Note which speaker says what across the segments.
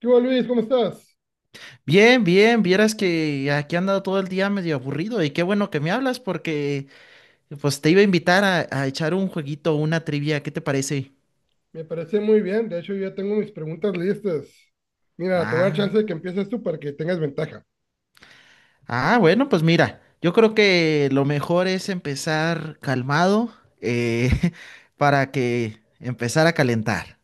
Speaker 1: ¿Qué hubo, Luis? ¿Cómo estás?
Speaker 2: Bien, bien, vieras que aquí he andado todo el día medio aburrido y qué bueno que me hablas porque pues te iba a invitar a echar un jueguito, una trivia, ¿qué te parece?
Speaker 1: Me parece muy bien. De hecho, yo ya tengo mis preguntas listas. Mira, te voy a dar chance
Speaker 2: Ah,
Speaker 1: de que empieces tú para que tengas ventaja.
Speaker 2: ah, bueno, pues mira, yo creo que lo mejor es empezar calmado, eh, para que empezar a calentar.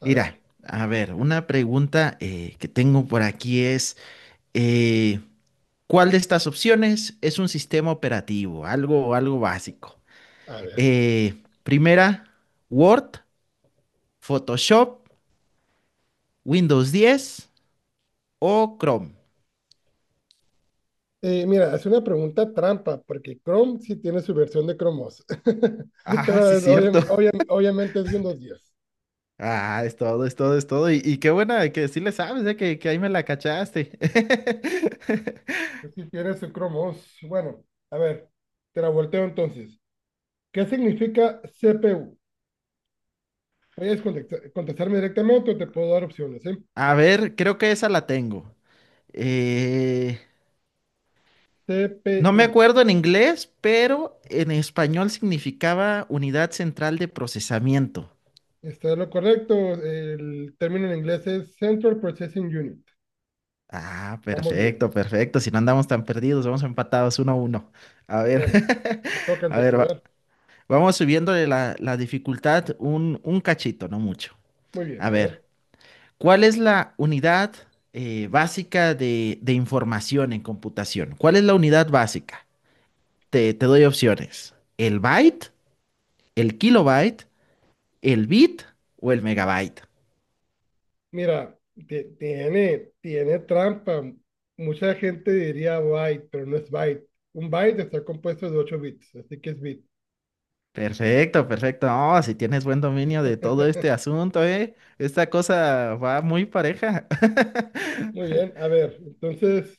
Speaker 1: A ver,
Speaker 2: Mira, a ver, una pregunta que tengo por aquí es, eh, ¿cuál de estas opciones es un sistema operativo? Algo básico.
Speaker 1: a ver.
Speaker 2: Eh, primera, Word, Photoshop, Windows 10 o Chrome.
Speaker 1: Mira, es una pregunta trampa, porque Chrome sí tiene su versión de Chrome OS.
Speaker 2: Ah,
Speaker 1: Pero
Speaker 2: sí,
Speaker 1: es
Speaker 2: cierto.
Speaker 1: obviamente es Windows 10. Es
Speaker 2: Ah, es todo, es todo, es todo. Y qué buena que sí le sabes, que ahí me la cachaste.
Speaker 1: decir, tiene su Chrome OS. Bueno, a ver, te la volteo entonces. ¿Qué significa CPU? Puedes contestarme directamente o te puedo dar opciones, ¿eh?
Speaker 2: A ver, creo que esa la tengo. Eh, no me
Speaker 1: CPU.
Speaker 2: acuerdo en inglés, pero en español significaba unidad central de procesamiento.
Speaker 1: Está lo correcto. El término en inglés es Central Processing Unit.
Speaker 2: Ah,
Speaker 1: Vamos
Speaker 2: perfecto,
Speaker 1: bien.
Speaker 2: perfecto. Si no andamos tan perdidos, vamos empatados uno a uno. A ver,
Speaker 1: Bueno, me toca
Speaker 2: a
Speaker 1: entonces.
Speaker 2: ver,
Speaker 1: A ver.
Speaker 2: vamos subiéndole la dificultad un cachito, no mucho.
Speaker 1: Muy bien,
Speaker 2: A
Speaker 1: a
Speaker 2: ver,
Speaker 1: ver.
Speaker 2: ¿cuál es la unidad básica de información en computación? ¿Cuál es la unidad básica? Te doy opciones. ¿El byte, el kilobyte, el bit o el megabyte?
Speaker 1: Mira, tiene trampa. Mucha gente diría byte, pero no es byte. Un byte está compuesto de ocho bits, así que es bit.
Speaker 2: Perfecto, perfecto. No, si tienes buen dominio de todo este asunto, ¿eh? Esta cosa va muy pareja.
Speaker 1: Muy bien, a ver. Entonces,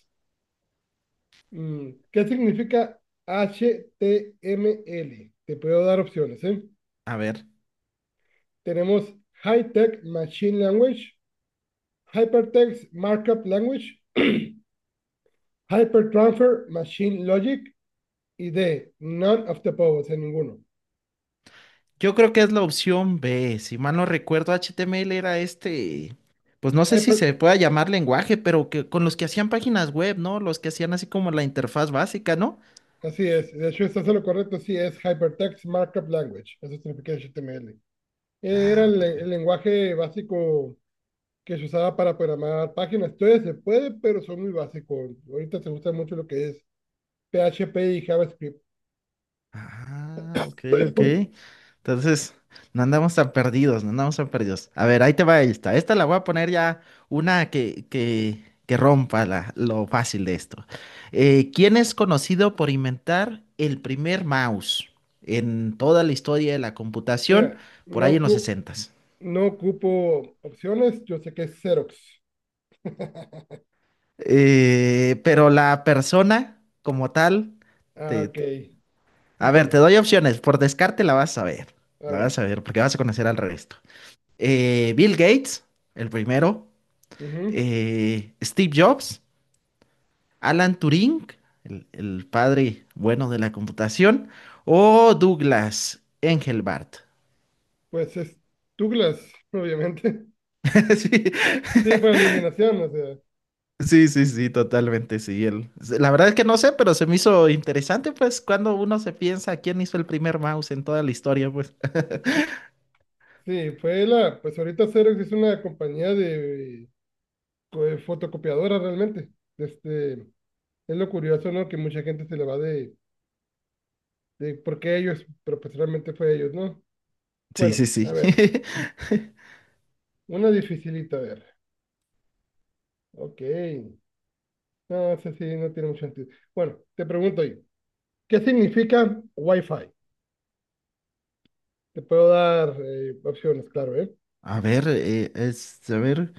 Speaker 1: ¿qué significa HTML? Te puedo dar opciones, ¿eh?
Speaker 2: A ver,
Speaker 1: Tenemos High Tech Machine Language, Hypertext Markup Language, Hypertransfer Machine Logic y D, None of the above, o sea, ninguno.
Speaker 2: yo creo que es la opción B. Si mal no recuerdo, HTML era este, pues no sé si
Speaker 1: Hyper,
Speaker 2: se pueda llamar lenguaje, pero que con los que hacían páginas web, ¿no? Los que hacían así como la interfaz básica, ¿no?
Speaker 1: así es, de hecho, estás es lo correcto, sí es Hypertext Markup Language, eso significa HTML. Era
Speaker 2: Ah,
Speaker 1: el
Speaker 2: perfecto.
Speaker 1: lenguaje básico que se usaba para programar páginas. Todavía se puede, pero son muy básicos. Ahorita se gusta mucho lo que es PHP y JavaScript.
Speaker 2: Ah, ok, ok. Entonces, no andamos tan perdidos, no andamos tan perdidos. A ver, ahí te va esta. Esta la voy a poner ya una que rompa lo fácil de esto. ¿Quién es conocido por inventar el primer mouse en toda la historia de la computación
Speaker 1: Mira,
Speaker 2: por
Speaker 1: no
Speaker 2: ahí en los
Speaker 1: ocupo,
Speaker 2: sesentas?
Speaker 1: no ocupo opciones, yo sé que es Xerox.
Speaker 2: Pero la persona como tal,
Speaker 1: Ah,
Speaker 2: te-
Speaker 1: ok.
Speaker 2: te- a ver, te
Speaker 1: Híjole.
Speaker 2: doy opciones. Por descarte la vas a ver.
Speaker 1: A
Speaker 2: La
Speaker 1: ver.
Speaker 2: vas a ver porque vas a conocer al resto. Bill Gates, el primero,
Speaker 1: Ujú.
Speaker 2: Steve Jobs, Alan Turing, el padre bueno de la computación, o Douglas Engelbart.
Speaker 1: Pues es Douglas, obviamente. Sí, por eliminación, o sea.
Speaker 2: Sí, sí, sí, sí, totalmente, sí. Él. La verdad es que no sé, pero se me hizo interesante, pues, cuando uno se piensa quién hizo el primer mouse en toda la historia, pues.
Speaker 1: Sí, fue la. Pues ahorita Xerox es una compañía de fotocopiadoras realmente. Este, es lo curioso, ¿no? Que mucha gente se le va de por qué ellos, pero pues realmente fue ellos, ¿no?
Speaker 2: Sí,
Speaker 1: Bueno,
Speaker 2: sí, sí.
Speaker 1: a ver. Una dificilita, a ver. Ok. No, eso sí, no tiene mucho sentido. Bueno, te pregunto yo. ¿Qué significa Wi-Fi? Te puedo dar opciones, claro, ¿eh?
Speaker 2: A ver, a ver.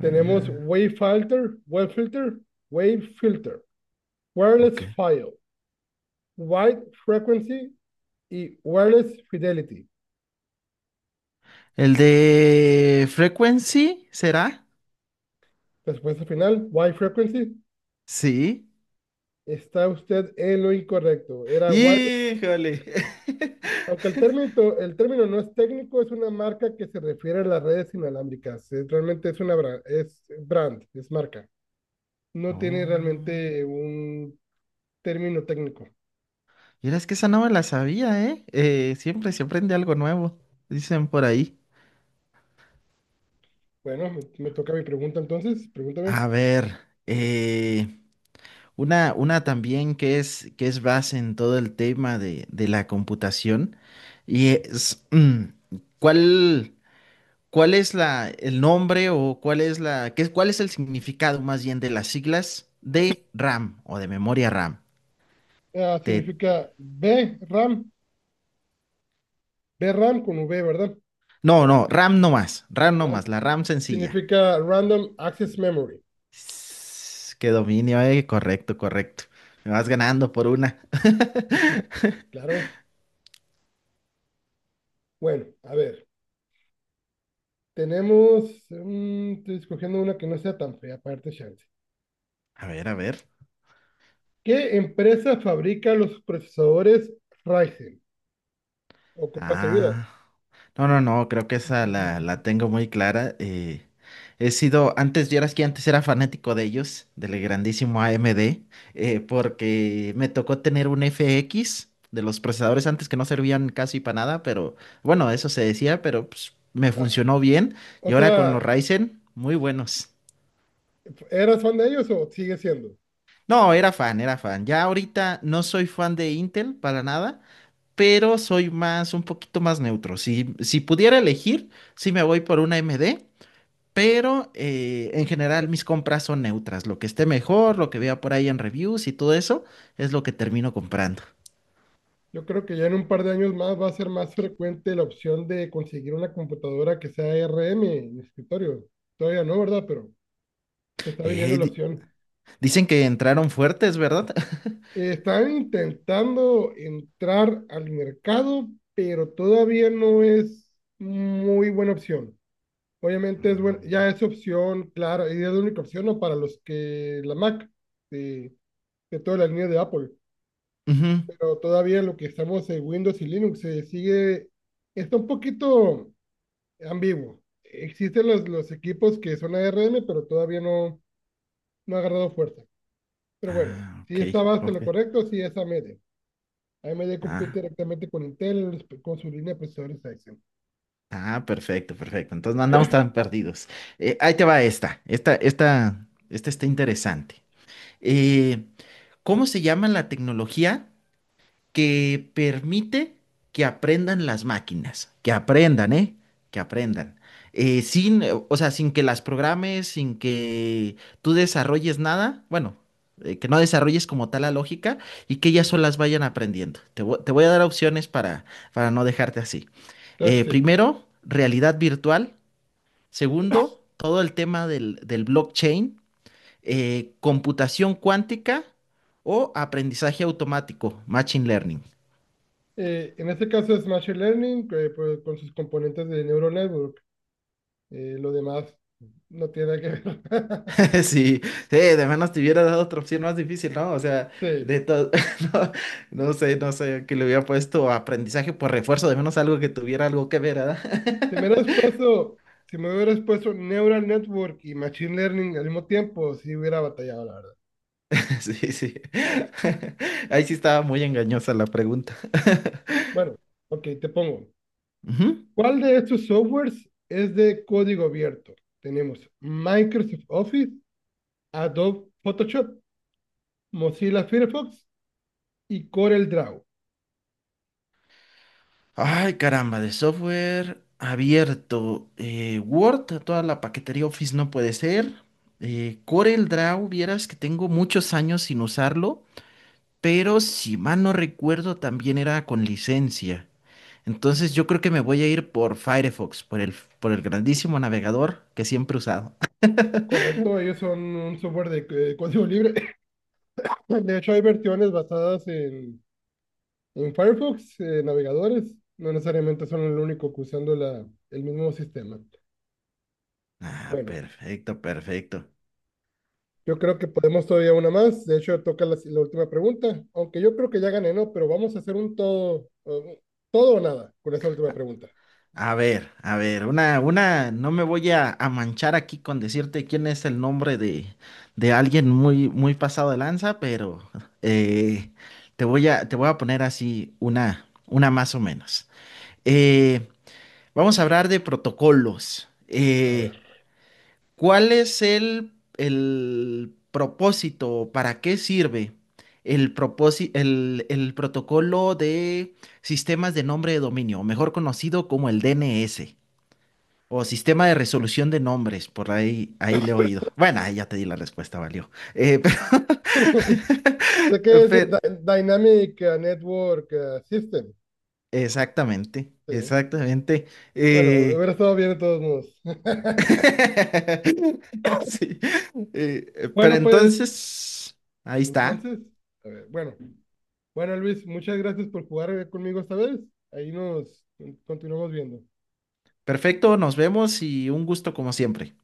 Speaker 1: Tenemos WaveFilter, Wireless
Speaker 2: ok.
Speaker 1: File, Wide Frequency y Wireless Fidelity.
Speaker 2: ¿El de Frequency será?
Speaker 1: Respuesta final, Wide Frequency.
Speaker 2: Sí.
Speaker 1: Está usted en lo incorrecto. Era wireless.
Speaker 2: Híjole.
Speaker 1: Aunque el término no es técnico, es una marca que se refiere a las redes inalámbricas. Realmente es una es brand, es marca. No tiene
Speaker 2: Oh.
Speaker 1: realmente un término técnico.
Speaker 2: Mira, es que esa no me la sabía, ¿eh? Siempre se aprende algo nuevo, dicen por ahí.
Speaker 1: Bueno, me toca mi pregunta entonces. Pregúntame.
Speaker 2: A ver, eh, una también que es base en todo el tema de la computación. Y es, mm, ¿cuál, cuál es el nombre o cuál es cuál es el significado más bien de las siglas de RAM o de memoria RAM?
Speaker 1: Ah,
Speaker 2: ¿Te,
Speaker 1: significa B, RAM, Ve RAM con V, ¿verdad?
Speaker 2: No, no, RAM no
Speaker 1: RAM
Speaker 2: más, la RAM sencilla.
Speaker 1: significa Random Access Memory.
Speaker 2: Qué dominio, correcto, correcto. Me vas ganando por una.
Speaker 1: Claro. Bueno, a ver. Tenemos. Estoy escogiendo una que no sea tan fea, aparte, chance.
Speaker 2: A ver, a ver.
Speaker 1: ¿Qué empresa fabrica los procesadores Ryzen? ¿Ocupas ayuda?
Speaker 2: Ah. No, no, no, creo que esa la tengo muy clara. Vieras que antes era fanático de ellos, del grandísimo AMD, porque me tocó tener un FX de los procesadores antes que no servían casi para nada, pero bueno, eso se decía, pero pues, me
Speaker 1: Ah,
Speaker 2: funcionó bien.
Speaker 1: o
Speaker 2: Y ahora con los
Speaker 1: sea,
Speaker 2: Ryzen, muy buenos.
Speaker 1: ¿eras fan de ellos o sigue siendo?
Speaker 2: No, era fan, era fan. Ya ahorita no soy fan de Intel para nada, pero soy más, un poquito más neutro. Si pudiera elegir, sí me voy por una AMD, pero en general mis compras son neutras. Lo que esté mejor, lo que vea por ahí en reviews y todo eso, es lo que termino comprando.
Speaker 1: Yo creo que ya en un par de años más va a ser más frecuente la opción de conseguir una computadora que sea ARM en el escritorio. Todavía no, ¿verdad? Pero se está viniendo
Speaker 2: Eh,
Speaker 1: la
Speaker 2: di-
Speaker 1: opción.
Speaker 2: dicen que entraron fuertes, ¿verdad?
Speaker 1: Están intentando entrar al mercado, pero todavía no es muy buena opción. Obviamente es ya es opción, claro, y es la única opción, ¿no?, para los que la Mac de, de toda la línea de Apple.
Speaker 2: Ujú.
Speaker 1: Pero todavía lo que estamos en Windows y Linux se sigue, está un poquito ambiguo. Existen los equipos que son ARM, pero todavía no, no ha agarrado fuerza. Pero bueno,
Speaker 2: Ah,
Speaker 1: si
Speaker 2: ok,
Speaker 1: estabas en
Speaker 2: ok.
Speaker 1: lo correcto, si es AMD. AMD compite
Speaker 2: Ah.
Speaker 1: directamente con Intel en con su línea de procesadores Ryzen.
Speaker 2: Ah, perfecto, perfecto. Entonces no andamos tan perdidos. Ahí te va esta. Esta está interesante. eh, ¿Cómo se llama la tecnología que permite que aprendan las máquinas? Que aprendan, ¿eh? Que aprendan. Sin, o sea, sin que las programes, sin que tú desarrolles nada, bueno, que no desarrolles como tal la lógica y que ellas solas vayan aprendiendo. Te voy a dar opciones para no dejarte así.
Speaker 1: Claro que sí.
Speaker 2: Primero, realidad virtual. Segundo, todo el tema del blockchain, computación cuántica o aprendizaje automático, machine learning.
Speaker 1: En este caso es Machine Learning pues, con sus componentes de Neural Network. Lo demás no tiene nada que ver.
Speaker 2: Sí, sí, de menos te hubiera dado otra opción más difícil, ¿no? O sea,
Speaker 1: Sí.
Speaker 2: de todo, no, no sé, no sé, que le hubiera puesto aprendizaje por refuerzo, de menos algo que tuviera algo que ver, ¿verdad?
Speaker 1: Si me hubieras puesto, si me hubieras puesto Neural Network y Machine Learning al mismo tiempo, sí hubiera batallado, la verdad.
Speaker 2: Sí, sí. Ahí sí estaba muy engañosa la pregunta.
Speaker 1: Bueno, ok, te pongo.
Speaker 2: Ujú.
Speaker 1: ¿Cuál de estos softwares es de código abierto? Tenemos Microsoft Office, Adobe Photoshop, Mozilla Firefox y CorelDRAW,
Speaker 2: Ay, caramba, de software abierto. Word, toda la paquetería Office no puede ser. CorelDRAW, vieras que tengo muchos años sin usarlo, pero si mal no recuerdo también era con licencia. Entonces yo creo que me voy a ir por Firefox, por el grandísimo navegador que siempre he usado.
Speaker 1: ¿correcto? Ellos son un software de, código libre. De hecho, hay versiones basadas en Firefox, navegadores. No necesariamente son el único que usando la, el mismo sistema.
Speaker 2: Ah,
Speaker 1: Bueno,
Speaker 2: perfecto, perfecto.
Speaker 1: yo creo que podemos todavía una más. De hecho, toca la última pregunta, aunque yo creo que ya gané, ¿no? Pero vamos a hacer un todo, todo o nada con esa última pregunta.
Speaker 2: A ver, no me voy a manchar aquí con decirte quién es el nombre de alguien muy, muy pasado de lanza, pero eh, te voy a, poner así una más o menos. Eh, vamos a hablar de protocolos.
Speaker 1: A ver.
Speaker 2: ¿Cuál es el propósito? ¿O para qué sirve el protocolo de sistemas de nombre de dominio, o mejor conocido como el DNS? O sistema de resolución de nombres, por ahí, ahí le he oído. Bueno, ahí ya te di la respuesta, valió. Eh,
Speaker 1: ¿De
Speaker 2: pe-
Speaker 1: qué es
Speaker 2: pe-
Speaker 1: Dynamic Network System?
Speaker 2: exactamente,
Speaker 1: Sí.
Speaker 2: exactamente.
Speaker 1: Bueno,
Speaker 2: Eh,
Speaker 1: hubiera estado bien de todos modos.
Speaker 2: sí. Pero
Speaker 1: Bueno, pues
Speaker 2: entonces, ahí está.
Speaker 1: entonces, a ver, bueno, bueno, Luis, muchas gracias por jugar conmigo esta vez. Ahí nos continuamos viendo.
Speaker 2: Perfecto, nos vemos y un gusto como siempre.